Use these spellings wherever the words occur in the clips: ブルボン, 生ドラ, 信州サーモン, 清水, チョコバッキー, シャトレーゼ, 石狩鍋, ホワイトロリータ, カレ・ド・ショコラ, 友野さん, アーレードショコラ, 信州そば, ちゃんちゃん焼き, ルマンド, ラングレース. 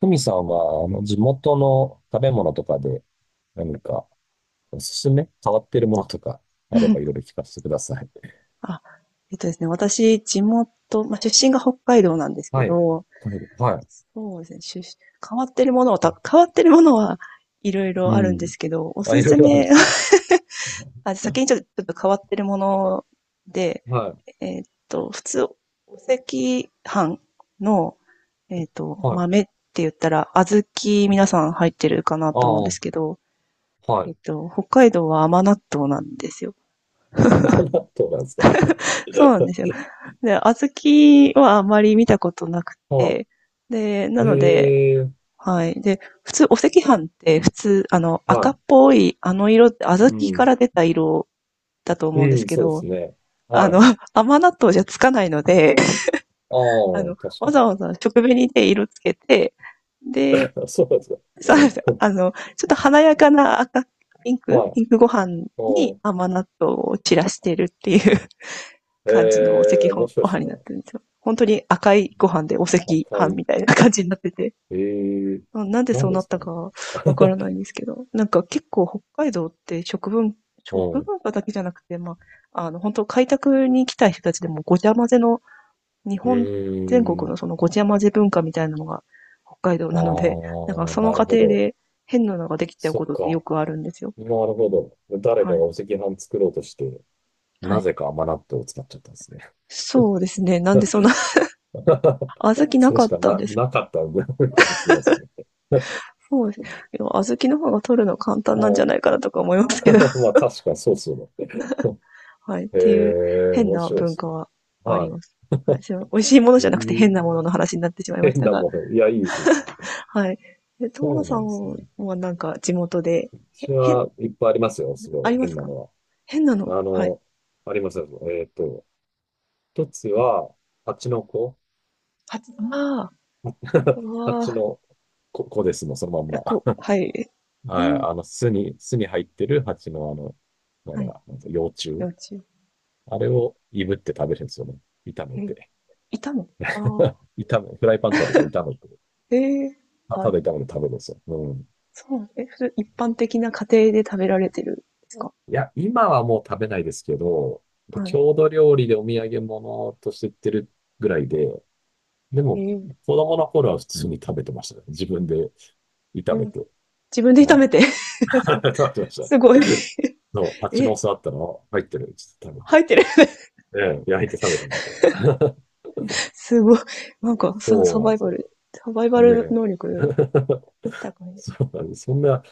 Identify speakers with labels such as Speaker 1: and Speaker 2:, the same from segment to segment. Speaker 1: ふみさんは、地元の食べ物とかで何かおすすめ変わってるものとかあればいろい ろ聞かせてください。
Speaker 2: あ、えっとですね、私、地元、まあ、出身が北海道なんですけ
Speaker 1: はい。
Speaker 2: ど、
Speaker 1: 食べる、はい。
Speaker 2: そうですね、変わってるものはた
Speaker 1: あ、
Speaker 2: 変わってるものはいろいろ
Speaker 1: う
Speaker 2: あるんで
Speaker 1: ん。
Speaker 2: すけど、お
Speaker 1: あ、
Speaker 2: す
Speaker 1: いろ
Speaker 2: す
Speaker 1: いろあるんで
Speaker 2: め。
Speaker 1: すね。
Speaker 2: あ、先にちょっとちょっと変わってるもので、
Speaker 1: はい。
Speaker 2: 普通、お赤飯の、
Speaker 1: はい。
Speaker 2: 豆って言ったら、小豆
Speaker 1: う
Speaker 2: 皆
Speaker 1: ん。
Speaker 2: さん入ってるかなと思うん
Speaker 1: あ
Speaker 2: で
Speaker 1: あ、
Speaker 2: すけど、
Speaker 1: はい。
Speaker 2: 北海道は甘納豆なんですよ。
Speaker 1: 甘納豆なんですか？
Speaker 2: そうなんですよ。で、小豆はあまり見たことなく
Speaker 1: は
Speaker 2: て、で、
Speaker 1: い。
Speaker 2: なので、
Speaker 1: ええ、
Speaker 2: はい。で、普通、お赤飯って普通、赤
Speaker 1: は
Speaker 2: っぽい、あの色って小
Speaker 1: い。
Speaker 2: 豆
Speaker 1: う
Speaker 2: か
Speaker 1: ん。
Speaker 2: ら出た色だと思
Speaker 1: う
Speaker 2: うんです
Speaker 1: ん、
Speaker 2: け
Speaker 1: そうです
Speaker 2: ど、
Speaker 1: ね。
Speaker 2: あ
Speaker 1: は
Speaker 2: の、
Speaker 1: い。
Speaker 2: 甘納豆じゃつかないので、
Speaker 1: ああ、確か
Speaker 2: わ
Speaker 1: に。
Speaker 2: ざわざ食紅で色つけて、で、
Speaker 1: そうなんですか？
Speaker 2: そうなんですよ。ちょっと華やかな赤、ピンク
Speaker 1: はい。あ
Speaker 2: ピンクご飯に
Speaker 1: あ、
Speaker 2: 甘納豆を散らしてるっていう感じのお赤
Speaker 1: ええ、面
Speaker 2: 飯、
Speaker 1: 白い
Speaker 2: お
Speaker 1: です
Speaker 2: 飯
Speaker 1: ね。
Speaker 2: になってるんですよ。本当に赤いご飯でお赤飯
Speaker 1: 赤い。
Speaker 2: みたいな感じになってて。
Speaker 1: ええ、
Speaker 2: なんでそ
Speaker 1: 何
Speaker 2: う
Speaker 1: で
Speaker 2: なっ
Speaker 1: すか
Speaker 2: た
Speaker 1: ね？
Speaker 2: かわからないん ですけど、なんか結構北海道って
Speaker 1: う
Speaker 2: 食
Speaker 1: ん。
Speaker 2: 文化だけじゃなくて、まあ、本当開拓に来た人たちでもごちゃ混ぜの、日
Speaker 1: う
Speaker 2: 本全
Speaker 1: ー
Speaker 2: 国の
Speaker 1: ん。
Speaker 2: そのごちゃ混ぜ文化みたいなのが北海道
Speaker 1: あ
Speaker 2: なので、なんか
Speaker 1: あ、
Speaker 2: その
Speaker 1: なる
Speaker 2: 過
Speaker 1: ほ
Speaker 2: 程
Speaker 1: ど。
Speaker 2: で変なのができちゃう
Speaker 1: そ
Speaker 2: こ
Speaker 1: っ
Speaker 2: とってよ
Speaker 1: か。
Speaker 2: くあるんですよ。
Speaker 1: なるほど。誰か
Speaker 2: は
Speaker 1: が
Speaker 2: い。
Speaker 1: お赤飯作ろうとして、
Speaker 2: は
Speaker 1: な
Speaker 2: い。
Speaker 1: ぜか甘納豆を使っちゃったんですね。
Speaker 2: そうですね。なんでそんな、小豆な
Speaker 1: それ
Speaker 2: か
Speaker 1: し
Speaker 2: っ
Speaker 1: か
Speaker 2: たんです。
Speaker 1: なかったんで、かもしれないですね。
Speaker 2: そうです。でも小豆の方が取るの簡単なんじゃ
Speaker 1: う
Speaker 2: な
Speaker 1: ん。
Speaker 2: いかなとか思いますけど。
Speaker 1: ま あ、確かにそうそうだ。
Speaker 2: はい。っ
Speaker 1: へ
Speaker 2: ていう
Speaker 1: え、
Speaker 2: 変
Speaker 1: 面
Speaker 2: な
Speaker 1: 白いで
Speaker 2: 文
Speaker 1: す
Speaker 2: 化
Speaker 1: ね。
Speaker 2: はあり
Speaker 1: は
Speaker 2: ます。はい。すいません美味しいもの
Speaker 1: い。
Speaker 2: じ
Speaker 1: え
Speaker 2: ゃなくて
Speaker 1: ー、
Speaker 2: 変なものの話になってしまいまし
Speaker 1: 変
Speaker 2: た
Speaker 1: な
Speaker 2: が。
Speaker 1: もの。いや、いいです。
Speaker 2: はい。え、友
Speaker 1: そ
Speaker 2: 野
Speaker 1: う
Speaker 2: さ
Speaker 1: なんですね。
Speaker 2: んはなんか地元で、
Speaker 1: 私
Speaker 2: 変、
Speaker 1: はいっぱいありますよ。すご
Speaker 2: あ
Speaker 1: い
Speaker 2: りま
Speaker 1: 変
Speaker 2: す
Speaker 1: な
Speaker 2: か？
Speaker 1: の
Speaker 2: 変なの、
Speaker 1: は。あ
Speaker 2: はい。
Speaker 1: の、ありますよ。一つは、蜂の子。
Speaker 2: は、ああ、うわ
Speaker 1: 蜂
Speaker 2: あ、
Speaker 1: の子、子ですもん、そのまん
Speaker 2: え、こう、
Speaker 1: ま。
Speaker 2: はい。え
Speaker 1: はい。
Speaker 2: ー、
Speaker 1: 巣に入ってる蜂のま
Speaker 2: はい。
Speaker 1: だ、なんか幼虫。
Speaker 2: 幼稚園。
Speaker 1: あれをいぶって食べるんですよね。炒め
Speaker 2: えー、
Speaker 1: て。
Speaker 2: いたの、ああ、
Speaker 1: フライパンとかでこう炒めて、
Speaker 2: ええ、
Speaker 1: たた
Speaker 2: あ、
Speaker 1: だ炒めて食べるんですよ。うん。
Speaker 2: そう、え、それ一般的な家庭で食べられてるんですか？
Speaker 1: いや、今はもう食べないですけど、
Speaker 2: はい。
Speaker 1: 郷土料理でお土産物として売ってるぐらいで、で
Speaker 2: え
Speaker 1: も、
Speaker 2: ー、
Speaker 1: 子供の頃は普通に食べてましたね。自分で
Speaker 2: え
Speaker 1: 炒め
Speaker 2: ー、
Speaker 1: て。
Speaker 2: 自分で
Speaker 1: う
Speaker 2: 炒
Speaker 1: ん。
Speaker 2: めて ですか？
Speaker 1: 食べてました。
Speaker 2: すごい。
Speaker 1: そう、蜂の
Speaker 2: え、
Speaker 1: 巣あったの入ってる。ちょっと食
Speaker 2: 入ってる。
Speaker 1: べて。ええ、焼いて食べてましたよ。
Speaker 2: すごい。なん か、そう、
Speaker 1: そ
Speaker 2: サ
Speaker 1: うなん
Speaker 2: バ
Speaker 1: で
Speaker 2: イ
Speaker 1: す
Speaker 2: バル、
Speaker 1: よ。
Speaker 2: サバイバル
Speaker 1: ねえ。
Speaker 2: 能力 高い。
Speaker 1: そうなんです。そんな、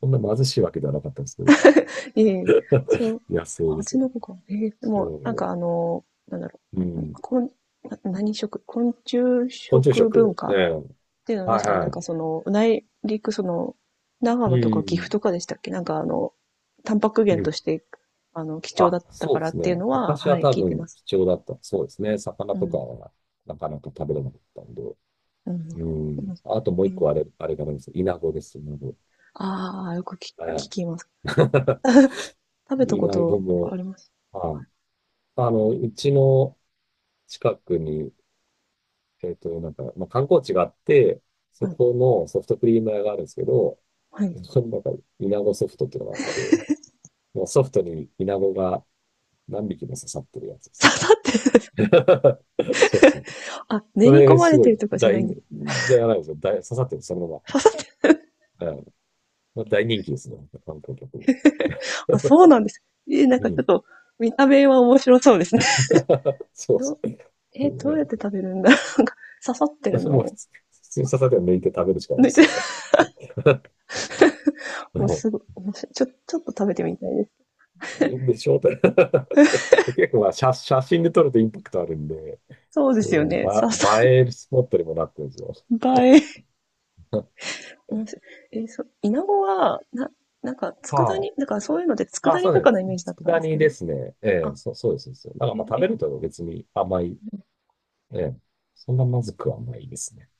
Speaker 1: そんな貧しいわけではなかったんですけど。
Speaker 2: ええー、 そう、
Speaker 1: 野生です
Speaker 2: 蜂
Speaker 1: よ。
Speaker 2: の子か。ええー、でも、なんか
Speaker 1: そ
Speaker 2: なんだろ
Speaker 1: う。う
Speaker 2: う。
Speaker 1: ん。
Speaker 2: こんな昆虫
Speaker 1: 昆虫食。
Speaker 2: 食文化
Speaker 1: え
Speaker 2: っ
Speaker 1: え。
Speaker 2: ていうのは
Speaker 1: は
Speaker 2: 確
Speaker 1: い
Speaker 2: かに
Speaker 1: は
Speaker 2: なんか
Speaker 1: い。
Speaker 2: その、内陸その、長
Speaker 1: う
Speaker 2: 野とか岐阜
Speaker 1: ん。
Speaker 2: とかでしたっけ、なんかタンパク
Speaker 1: う
Speaker 2: 源と
Speaker 1: ん。
Speaker 2: して、貴重だ
Speaker 1: あ、
Speaker 2: った
Speaker 1: そ
Speaker 2: か
Speaker 1: うで
Speaker 2: らっ
Speaker 1: すね。
Speaker 2: ていうのは、
Speaker 1: 昔
Speaker 2: は
Speaker 1: は
Speaker 2: い、
Speaker 1: 多
Speaker 2: 聞いて
Speaker 1: 分
Speaker 2: ます。
Speaker 1: 貴重だった。そうですね。魚
Speaker 2: う
Speaker 1: とか
Speaker 2: ん。
Speaker 1: はなかなか食べれなかったんで。
Speaker 2: うん。う
Speaker 1: うん。
Speaker 2: ん。
Speaker 1: あともう
Speaker 2: え
Speaker 1: 一
Speaker 2: ー、
Speaker 1: 個あれがあいですよ。イナゴです。イナゴ、
Speaker 2: ああ、よく
Speaker 1: は
Speaker 2: 聞
Speaker 1: い。
Speaker 2: きます。食べた
Speaker 1: いい
Speaker 2: こ
Speaker 1: な、僕
Speaker 2: とあ
Speaker 1: も。
Speaker 2: ります。
Speaker 1: まあ、うちの近くに、なんか、まあ、観光地があって、
Speaker 2: は
Speaker 1: そ
Speaker 2: い。
Speaker 1: このソフトクリーム屋があるんですけど、
Speaker 2: はい。
Speaker 1: そこになんか、イナゴソフトっていうのがあって、もうソフトにイナゴが何匹も刺さってるやつで す。
Speaker 2: 刺さってる。
Speaker 1: そうですね。
Speaker 2: あ、練
Speaker 1: そ
Speaker 2: り込
Speaker 1: れ、
Speaker 2: ま
Speaker 1: す
Speaker 2: れ
Speaker 1: ご
Speaker 2: て
Speaker 1: い
Speaker 2: るとかじゃないんです。
Speaker 1: じゃないですよ。刺さってる、そのま
Speaker 2: 刺さってる。
Speaker 1: ま。はい。まあ大人気ですね。観光客に。
Speaker 2: あ、そうなんです。え、なん かち
Speaker 1: う
Speaker 2: ょっ
Speaker 1: ん。
Speaker 2: と、見た目は面白そうですね。
Speaker 1: そうです
Speaker 2: ど、
Speaker 1: ね。う
Speaker 2: え、どうやって
Speaker 1: ん。
Speaker 2: 食べるんだろう。なんか刺さって
Speaker 1: まあ
Speaker 2: る
Speaker 1: そ
Speaker 2: の
Speaker 1: も普
Speaker 2: を
Speaker 1: 通、普通に刺されて抜いて食べるしかない
Speaker 2: 抜
Speaker 1: で
Speaker 2: い
Speaker 1: す
Speaker 2: て、
Speaker 1: よ ね。
Speaker 2: もうす
Speaker 1: も
Speaker 2: ごい、面白い。ちょっと食べてみたいです。
Speaker 1: うでしょうって。結構まあ写真で撮るとインパクトあるんで、
Speaker 2: そうで
Speaker 1: そう
Speaker 2: す
Speaker 1: いう
Speaker 2: よね。
Speaker 1: 映えるスポットにもなってるんですよ。
Speaker 2: 映え。面白い。え、そう、イナゴは、なんか、佃
Speaker 1: は
Speaker 2: 煮、なんかそういうので
Speaker 1: あ。あ、
Speaker 2: 佃
Speaker 1: そ
Speaker 2: 煮
Speaker 1: う
Speaker 2: と
Speaker 1: で
Speaker 2: かの
Speaker 1: す
Speaker 2: イメ
Speaker 1: ね。
Speaker 2: ージだ
Speaker 1: つ
Speaker 2: ったん
Speaker 1: 佃
Speaker 2: です
Speaker 1: 煮
Speaker 2: け
Speaker 1: で
Speaker 2: ど。
Speaker 1: すね。ええ、
Speaker 2: あ、
Speaker 1: そうです。そうですなんかまあ食
Speaker 2: え、
Speaker 1: べ
Speaker 2: え、
Speaker 1: ると別に甘い。ええ。そんなまずくはないですね。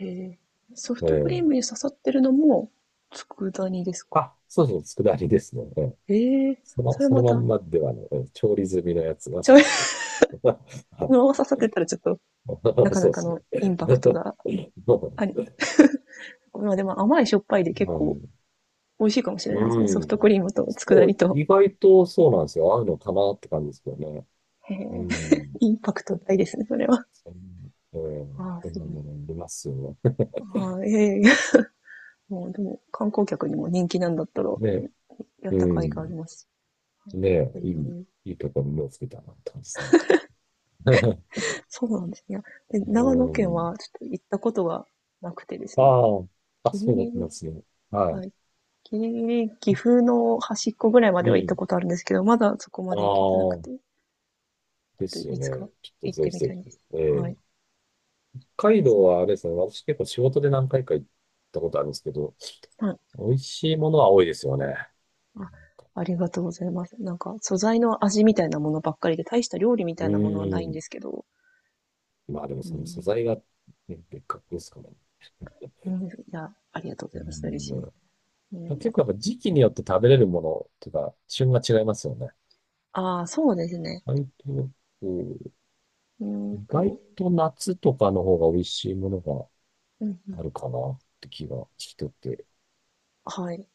Speaker 2: へえ。ソフ
Speaker 1: え
Speaker 2: トクリー
Speaker 1: え。
Speaker 2: ムに刺さってるのも、佃煮ですか？
Speaker 1: あ、そうですね。佃煮ですね。ええ。
Speaker 2: ええ、
Speaker 1: その、
Speaker 2: それ
Speaker 1: その
Speaker 2: ま
Speaker 1: ま
Speaker 2: た、
Speaker 1: んまではね、ええ調理済みのやつが刺
Speaker 2: 醤油。
Speaker 1: さってる。
Speaker 2: そ のまま刺さってたらちょっと、な か
Speaker 1: そ
Speaker 2: な
Speaker 1: うで
Speaker 2: か
Speaker 1: すね。
Speaker 2: のインパクトがあ り。まあでも甘いしょっぱいで結
Speaker 1: う
Speaker 2: 構
Speaker 1: ん。
Speaker 2: 美味しいかもしれないです
Speaker 1: う
Speaker 2: ね。ソフトク
Speaker 1: ん。
Speaker 2: リームと佃
Speaker 1: そう、
Speaker 2: 煮と。
Speaker 1: 意外とそうなんですよ。合うのかなって感じですけどね。
Speaker 2: へえ、
Speaker 1: うん。
Speaker 2: インパクト大ですね、それは。
Speaker 1: そん、えー、
Speaker 2: ああ、
Speaker 1: そん
Speaker 2: す
Speaker 1: な
Speaker 2: ごい。
Speaker 1: ものありますよね。
Speaker 2: ああ、ええ。もうでも観光客にも人気なんだったら、
Speaker 1: ね、
Speaker 2: やっ
Speaker 1: う
Speaker 2: た甲斐があ
Speaker 1: ん。
Speaker 2: ります。
Speaker 1: ね、
Speaker 2: え
Speaker 1: いい、
Speaker 2: え、
Speaker 1: いいところに目をつけたなって感じですね。
Speaker 2: そうなんですね。で、
Speaker 1: う
Speaker 2: 長野県
Speaker 1: ん。
Speaker 2: はちょっと行ったことがなくてです
Speaker 1: あ
Speaker 2: ね。
Speaker 1: あ、あ、
Speaker 2: ギリ
Speaker 1: そう
Speaker 2: ギ
Speaker 1: なんで
Speaker 2: リ、
Speaker 1: すね。は
Speaker 2: はい。ギリギリ岐阜の端っこぐらいまで
Speaker 1: い。う
Speaker 2: は行った
Speaker 1: ん。
Speaker 2: ことあるんですけど、まだそこま
Speaker 1: あ
Speaker 2: で行けてなく
Speaker 1: あ、
Speaker 2: て、ちょ
Speaker 1: で
Speaker 2: っと
Speaker 1: すよ
Speaker 2: いつか
Speaker 1: ね。ちょっと
Speaker 2: 行っ
Speaker 1: ぜ
Speaker 2: て
Speaker 1: ひ
Speaker 2: み
Speaker 1: ぜ
Speaker 2: たいで
Speaker 1: ひ。
Speaker 2: す。
Speaker 1: え
Speaker 2: はい。
Speaker 1: え、北海道
Speaker 2: そ
Speaker 1: はあれですね、私結構仕事で何回か行ったことあるんですけど、
Speaker 2: う。はい。
Speaker 1: 美味しいものは多いですよね。
Speaker 2: あ、ありがとうございます。なんか素材の味みたいなものばっかりで、大した料理みた
Speaker 1: う
Speaker 2: いなものはない
Speaker 1: ー
Speaker 2: んで
Speaker 1: ん。
Speaker 2: すけど、
Speaker 1: まあでも
Speaker 2: う
Speaker 1: その素
Speaker 2: ん。
Speaker 1: 材が、ね、別格ですから。う
Speaker 2: うん。いや、ありがとうございます。嬉
Speaker 1: ん。
Speaker 2: しいです。うん、なん
Speaker 1: 結構や
Speaker 2: か、
Speaker 1: っぱ時期によって食べれるものっていうか、旬が違いますよね。
Speaker 2: ああ、そうですね。
Speaker 1: 意外と、うん、
Speaker 2: うーん
Speaker 1: 意外
Speaker 2: と、
Speaker 1: と夏とかの方が美味しいものが
Speaker 2: うんうん、
Speaker 1: あるかなって気がしてて。
Speaker 2: はい。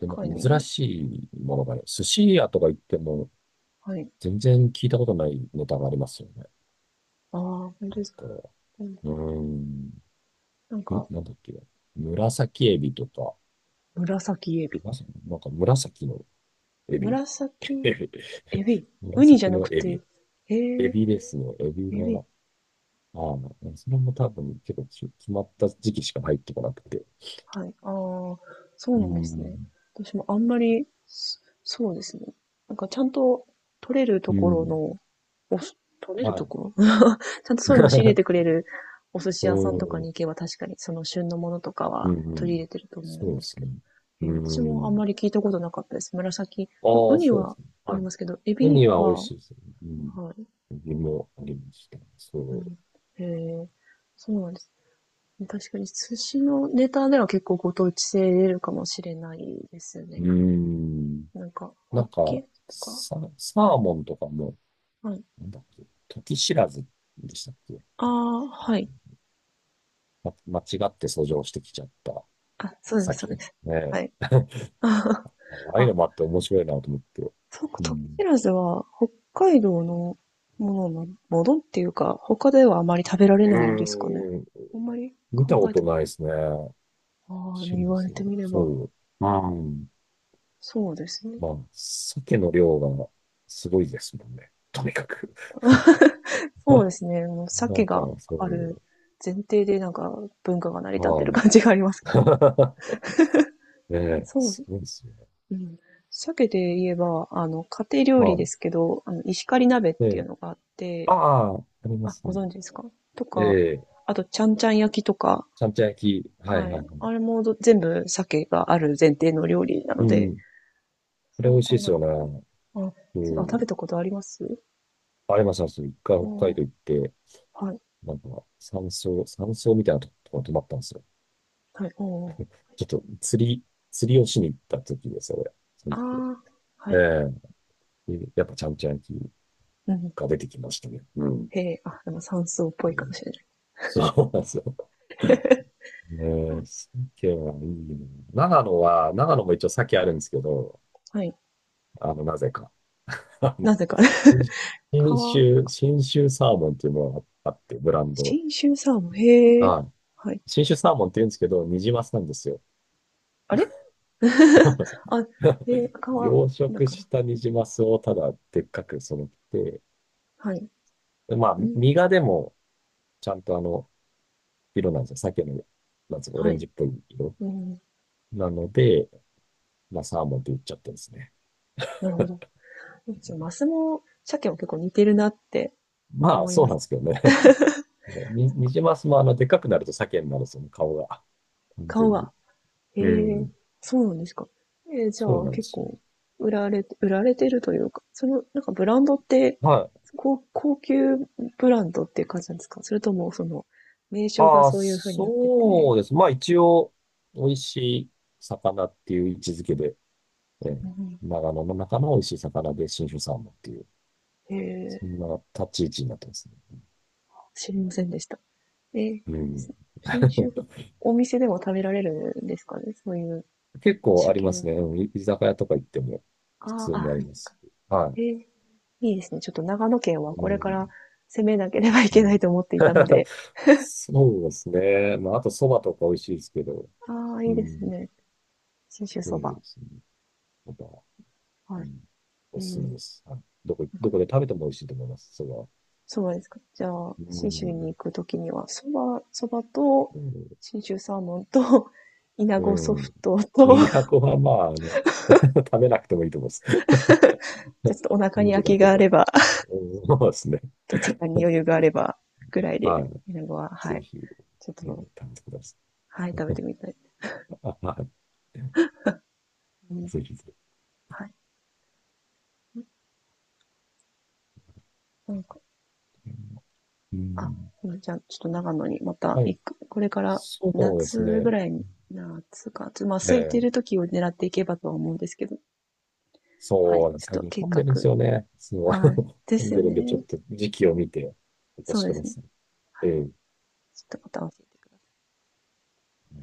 Speaker 1: で、
Speaker 2: 確
Speaker 1: なん
Speaker 2: か
Speaker 1: か珍
Speaker 2: に。
Speaker 1: しいものがね、寿司屋とか行っても
Speaker 2: はい。
Speaker 1: 全然聞いたことないネタがありますよね。
Speaker 2: ああ、本当ですか。
Speaker 1: こ
Speaker 2: うん。
Speaker 1: う、うーん。
Speaker 2: なん
Speaker 1: ん
Speaker 2: か、
Speaker 1: なんだっけ。紫エビとか。
Speaker 2: 紫エビ。
Speaker 1: なんか紫のエビ。
Speaker 2: 紫エ ビ、ウニじゃ
Speaker 1: 紫
Speaker 2: な
Speaker 1: の
Speaker 2: く
Speaker 1: エ
Speaker 2: て、
Speaker 1: ビ。
Speaker 2: へ
Speaker 1: エ
Speaker 2: え、
Speaker 1: ビですね。エビ
Speaker 2: エビ、
Speaker 1: は、ああ、それも多分結構決まった時期しか入ってこなくて。
Speaker 2: はい、ああ、そ
Speaker 1: う
Speaker 2: うなんですね。
Speaker 1: ん。
Speaker 2: 私もあんまり、そうですね。なんかちゃんと取れると
Speaker 1: う
Speaker 2: ころ
Speaker 1: ん。
Speaker 2: の、取れる
Speaker 1: は
Speaker 2: と
Speaker 1: い。
Speaker 2: ころ。 ちゃんとそういうの仕入れてく れるお寿司
Speaker 1: う
Speaker 2: 屋さんとか
Speaker 1: ん。
Speaker 2: に行けば確かにその旬のものとか
Speaker 1: う
Speaker 2: は
Speaker 1: ん。う
Speaker 2: 取
Speaker 1: ん、
Speaker 2: り入れてると思う
Speaker 1: そう
Speaker 2: ん
Speaker 1: で
Speaker 2: です
Speaker 1: す
Speaker 2: け
Speaker 1: ね。
Speaker 2: ど。え
Speaker 1: う
Speaker 2: ー、私もあん
Speaker 1: ん。
Speaker 2: まり聞いたことなかったです。紫。う
Speaker 1: あ
Speaker 2: ウ
Speaker 1: あ、
Speaker 2: ニ
Speaker 1: そうで
Speaker 2: は
Speaker 1: すね。
Speaker 2: あ
Speaker 1: は
Speaker 2: り
Speaker 1: い。
Speaker 2: ますけど、エ
Speaker 1: ウ
Speaker 2: ビ
Speaker 1: ニは美味
Speaker 2: は、は
Speaker 1: しいですね。うん。
Speaker 2: い。
Speaker 1: エビもありました。
Speaker 2: う
Speaker 1: そ
Speaker 2: ん、へえー、そうなんです。確かに寿司のネタでは結構ご当地性出るかもしれないです
Speaker 1: う。
Speaker 2: ね。
Speaker 1: うん。
Speaker 2: なんか、ホ
Speaker 1: な
Speaker 2: ッ
Speaker 1: んか、
Speaker 2: ケとか、
Speaker 1: サ、サ
Speaker 2: は
Speaker 1: ー
Speaker 2: い。
Speaker 1: モンとかも、
Speaker 2: はい。
Speaker 1: なんだっけ、時知らずでしたっけ、
Speaker 2: ああ、はい。
Speaker 1: 間違って遡上してきちゃった
Speaker 2: あ、そうです、そう
Speaker 1: 酒。
Speaker 2: です。
Speaker 1: ね
Speaker 2: はい。
Speaker 1: え。ああいう
Speaker 2: あ、
Speaker 1: のもあって面白いなと思って。
Speaker 2: そうか、
Speaker 1: う
Speaker 2: トキシ
Speaker 1: ん。
Speaker 2: ラズは北海道のものっていうか、他ではあまり食べられ
Speaker 1: う
Speaker 2: ないんですかね。
Speaker 1: ーん。
Speaker 2: あんまり
Speaker 1: 見
Speaker 2: 考
Speaker 1: たこ
Speaker 2: えた
Speaker 1: と
Speaker 2: こ
Speaker 1: ないですね。
Speaker 2: と、ああ、
Speaker 1: シ
Speaker 2: 言
Speaker 1: リ
Speaker 2: われ
Speaker 1: ズ
Speaker 2: て
Speaker 1: の。
Speaker 2: みれば、
Speaker 1: そう。うん。
Speaker 2: そうですね。
Speaker 1: まあ、鮭の量がすごいですもんね。とにかく。
Speaker 2: そうですね。もう
Speaker 1: な
Speaker 2: 鮭
Speaker 1: んか、
Speaker 2: が
Speaker 1: そ
Speaker 2: ある
Speaker 1: う。
Speaker 2: 前提でなんか文化が成り
Speaker 1: あ
Speaker 2: 立ってる
Speaker 1: あ、
Speaker 2: 感じがあります。
Speaker 1: ねえ、
Speaker 2: そう
Speaker 1: す
Speaker 2: です。
Speaker 1: ごいですよね。
Speaker 2: うん。鮭で言えば、家庭料
Speaker 1: は
Speaker 2: 理で
Speaker 1: い。
Speaker 2: すけど、石狩鍋っていう
Speaker 1: で、
Speaker 2: のがあって、
Speaker 1: ああ、ありま
Speaker 2: あ、
Speaker 1: す
Speaker 2: ご
Speaker 1: ね。
Speaker 2: 存知ですか？と
Speaker 1: え
Speaker 2: か、
Speaker 1: え、
Speaker 2: あと、ちゃんちゃん焼きとか、
Speaker 1: ちゃんちゃん焼き。はいはい
Speaker 2: は
Speaker 1: は
Speaker 2: い。
Speaker 1: い。
Speaker 2: あれも全部鮭がある前提の料理なの
Speaker 1: う
Speaker 2: で、
Speaker 1: ん。これ
Speaker 2: そ
Speaker 1: 美
Speaker 2: う
Speaker 1: 味しい
Speaker 2: 考
Speaker 1: です
Speaker 2: え
Speaker 1: よ
Speaker 2: ると。
Speaker 1: ね。
Speaker 2: あ、
Speaker 1: う
Speaker 2: 食べ
Speaker 1: ん。
Speaker 2: たことあります。
Speaker 1: ありました。ありました一回北
Speaker 2: お
Speaker 1: 海
Speaker 2: ー、
Speaker 1: 道行って、
Speaker 2: はい、
Speaker 1: なんか、山荘、山荘みたいなところ泊まったんですよ。
Speaker 2: はい、おー。
Speaker 1: ちょっと釣り、釣りをしに行った時ですよ、俺。そ
Speaker 2: あ
Speaker 1: の時は。
Speaker 2: ー、はい。
Speaker 1: ええ、でやっぱちゃんちゃん焼き
Speaker 2: うん。
Speaker 1: が出てきましたね。うん。
Speaker 2: へえ、あ、でも山椒っぽ
Speaker 1: う
Speaker 2: いかも
Speaker 1: ん、
Speaker 2: しれない。
Speaker 1: そうなんですよ。ねえ、鮭はいいな。長野は、長野も一応鮭あるんですけど、
Speaker 2: はい。
Speaker 1: なぜか。あの、
Speaker 2: なぜか。
Speaker 1: 新、新
Speaker 2: 川、
Speaker 1: 州、新州サーモンっていうのがあって、ブランド。
Speaker 2: 信州サーモン、へえ。
Speaker 1: はい、
Speaker 2: はい。
Speaker 1: 新種サーモンって言うんですけど、ニジマスなんですよ。
Speaker 2: あれ、 あ、川
Speaker 1: 養
Speaker 2: だ
Speaker 1: 殖
Speaker 2: から。
Speaker 1: したニジマスをただでっかく育て
Speaker 2: はい。
Speaker 1: て、まあ、
Speaker 2: うん。
Speaker 1: 身がでもちゃんと色なんですよ。鮭の、なんつうか、オ
Speaker 2: は
Speaker 1: レン
Speaker 2: い。
Speaker 1: ジっぽい色。
Speaker 2: うん。
Speaker 1: なので、まあ、サーモンって言っちゃってですね。
Speaker 2: なるほど。じゃあマスも鮭も結構似てるなって
Speaker 1: まあ、
Speaker 2: 思い
Speaker 1: そう
Speaker 2: ま
Speaker 1: なんで
Speaker 2: す。
Speaker 1: すけどね。ニジマスもでっかくなると鮭になるんですよね、顔が。完全
Speaker 2: 顔が。
Speaker 1: に。
Speaker 2: へ
Speaker 1: う
Speaker 2: え、
Speaker 1: ん。
Speaker 2: そうなんですか。えー、じ
Speaker 1: そう
Speaker 2: ゃあ
Speaker 1: なんで
Speaker 2: 結
Speaker 1: すよ。
Speaker 2: 構売られてるというか、その、なんかブランドって、
Speaker 1: はい。
Speaker 2: 高級ブランドっていう感じなんですか？それともその、名称が
Speaker 1: ああ、
Speaker 2: そういう風になって
Speaker 1: そ
Speaker 2: て、
Speaker 1: うです。まあ、一応、美味しい魚っていう位置づけで、ええ、
Speaker 2: うん。
Speaker 1: 長野の中の美味しい魚で信州サーモンっていう、
Speaker 2: へえ、
Speaker 1: そんな立ち位置になってますね。
Speaker 2: 知りませんでした。えー、
Speaker 1: う
Speaker 2: し
Speaker 1: ん。
Speaker 2: 新種、 お店でも食べられるんですかね、そういう
Speaker 1: 結構あり
Speaker 2: 鮭
Speaker 1: ま
Speaker 2: 料
Speaker 1: す
Speaker 2: 理。
Speaker 1: ね。うん。居酒屋とか行っても普
Speaker 2: あ
Speaker 1: 通
Speaker 2: あ、あ、
Speaker 1: にあ
Speaker 2: は
Speaker 1: り
Speaker 2: い。
Speaker 1: ます。は
Speaker 2: ええ、いいですね。ちょっと長野県
Speaker 1: い。
Speaker 2: は
Speaker 1: う
Speaker 2: これか
Speaker 1: ん。
Speaker 2: ら攻めなければい
Speaker 1: う
Speaker 2: けない
Speaker 1: ん。
Speaker 2: と思っていたの で。
Speaker 1: そうですね。まあ、あと蕎麦とか美味しいですけど、
Speaker 2: ああ、い
Speaker 1: う
Speaker 2: いです
Speaker 1: ん。
Speaker 2: ね。信州
Speaker 1: う
Speaker 2: そ
Speaker 1: ん、
Speaker 2: ば。
Speaker 1: ですね。また、う
Speaker 2: はい。
Speaker 1: ん。
Speaker 2: え
Speaker 1: おすすめ
Speaker 2: ー、
Speaker 1: です。はい、どこ、
Speaker 2: なん
Speaker 1: ど
Speaker 2: か、
Speaker 1: こで食べても美味しいと思います、それは。
Speaker 2: 蕎麦ですか。じゃあ、
Speaker 1: う
Speaker 2: 信州に
Speaker 1: ん。
Speaker 2: 行くときには、そばと、
Speaker 1: うん。
Speaker 2: 信州サーモンと、稲
Speaker 1: う
Speaker 2: 子ソフ
Speaker 1: ん。
Speaker 2: トと、じゃ
Speaker 1: 都はまあ、食べなくてもいいと思います。
Speaker 2: あちょっとお腹に
Speaker 1: 見
Speaker 2: 空
Speaker 1: るだ
Speaker 2: き
Speaker 1: け
Speaker 2: があ
Speaker 1: で。
Speaker 2: れば、
Speaker 1: うん、そうですね。
Speaker 2: と時間に余裕があれば、ぐらいで、
Speaker 1: はい。
Speaker 2: イナゴは、は
Speaker 1: ぜ
Speaker 2: い。
Speaker 1: ひ、
Speaker 2: ちょっ
Speaker 1: え
Speaker 2: と、
Speaker 1: ー、試してくださ
Speaker 2: はい、食べてみたい。
Speaker 1: い。あ、は
Speaker 2: う
Speaker 1: い。
Speaker 2: ん、
Speaker 1: ぜひぜひ。
Speaker 2: はい。なんか、
Speaker 1: う
Speaker 2: あ、
Speaker 1: ん。
Speaker 2: じゃあ、ちょっと長野にまた
Speaker 1: はい。
Speaker 2: 行く。これから
Speaker 1: そうです
Speaker 2: 夏
Speaker 1: ね。
Speaker 2: ぐらいに、夏か、ちょっとまあ
Speaker 1: え
Speaker 2: 空いて
Speaker 1: え、
Speaker 2: る時を狙っていけばとは思うんですけど。は
Speaker 1: そう
Speaker 2: い。
Speaker 1: なんで
Speaker 2: ち
Speaker 1: すね。
Speaker 2: ょ
Speaker 1: 最
Speaker 2: っと
Speaker 1: 近
Speaker 2: 計
Speaker 1: 混んで
Speaker 2: 画。
Speaker 1: るんですよね。そう。
Speaker 2: はい。で
Speaker 1: 混ん
Speaker 2: すよ
Speaker 1: でるんで、ちょっ
Speaker 2: ね。
Speaker 1: と時期を見てお越
Speaker 2: そう
Speaker 1: し
Speaker 2: で
Speaker 1: くだ
Speaker 2: すね。
Speaker 1: さい。
Speaker 2: は
Speaker 1: え
Speaker 2: い。
Speaker 1: え
Speaker 2: ちょっとまた教えてください。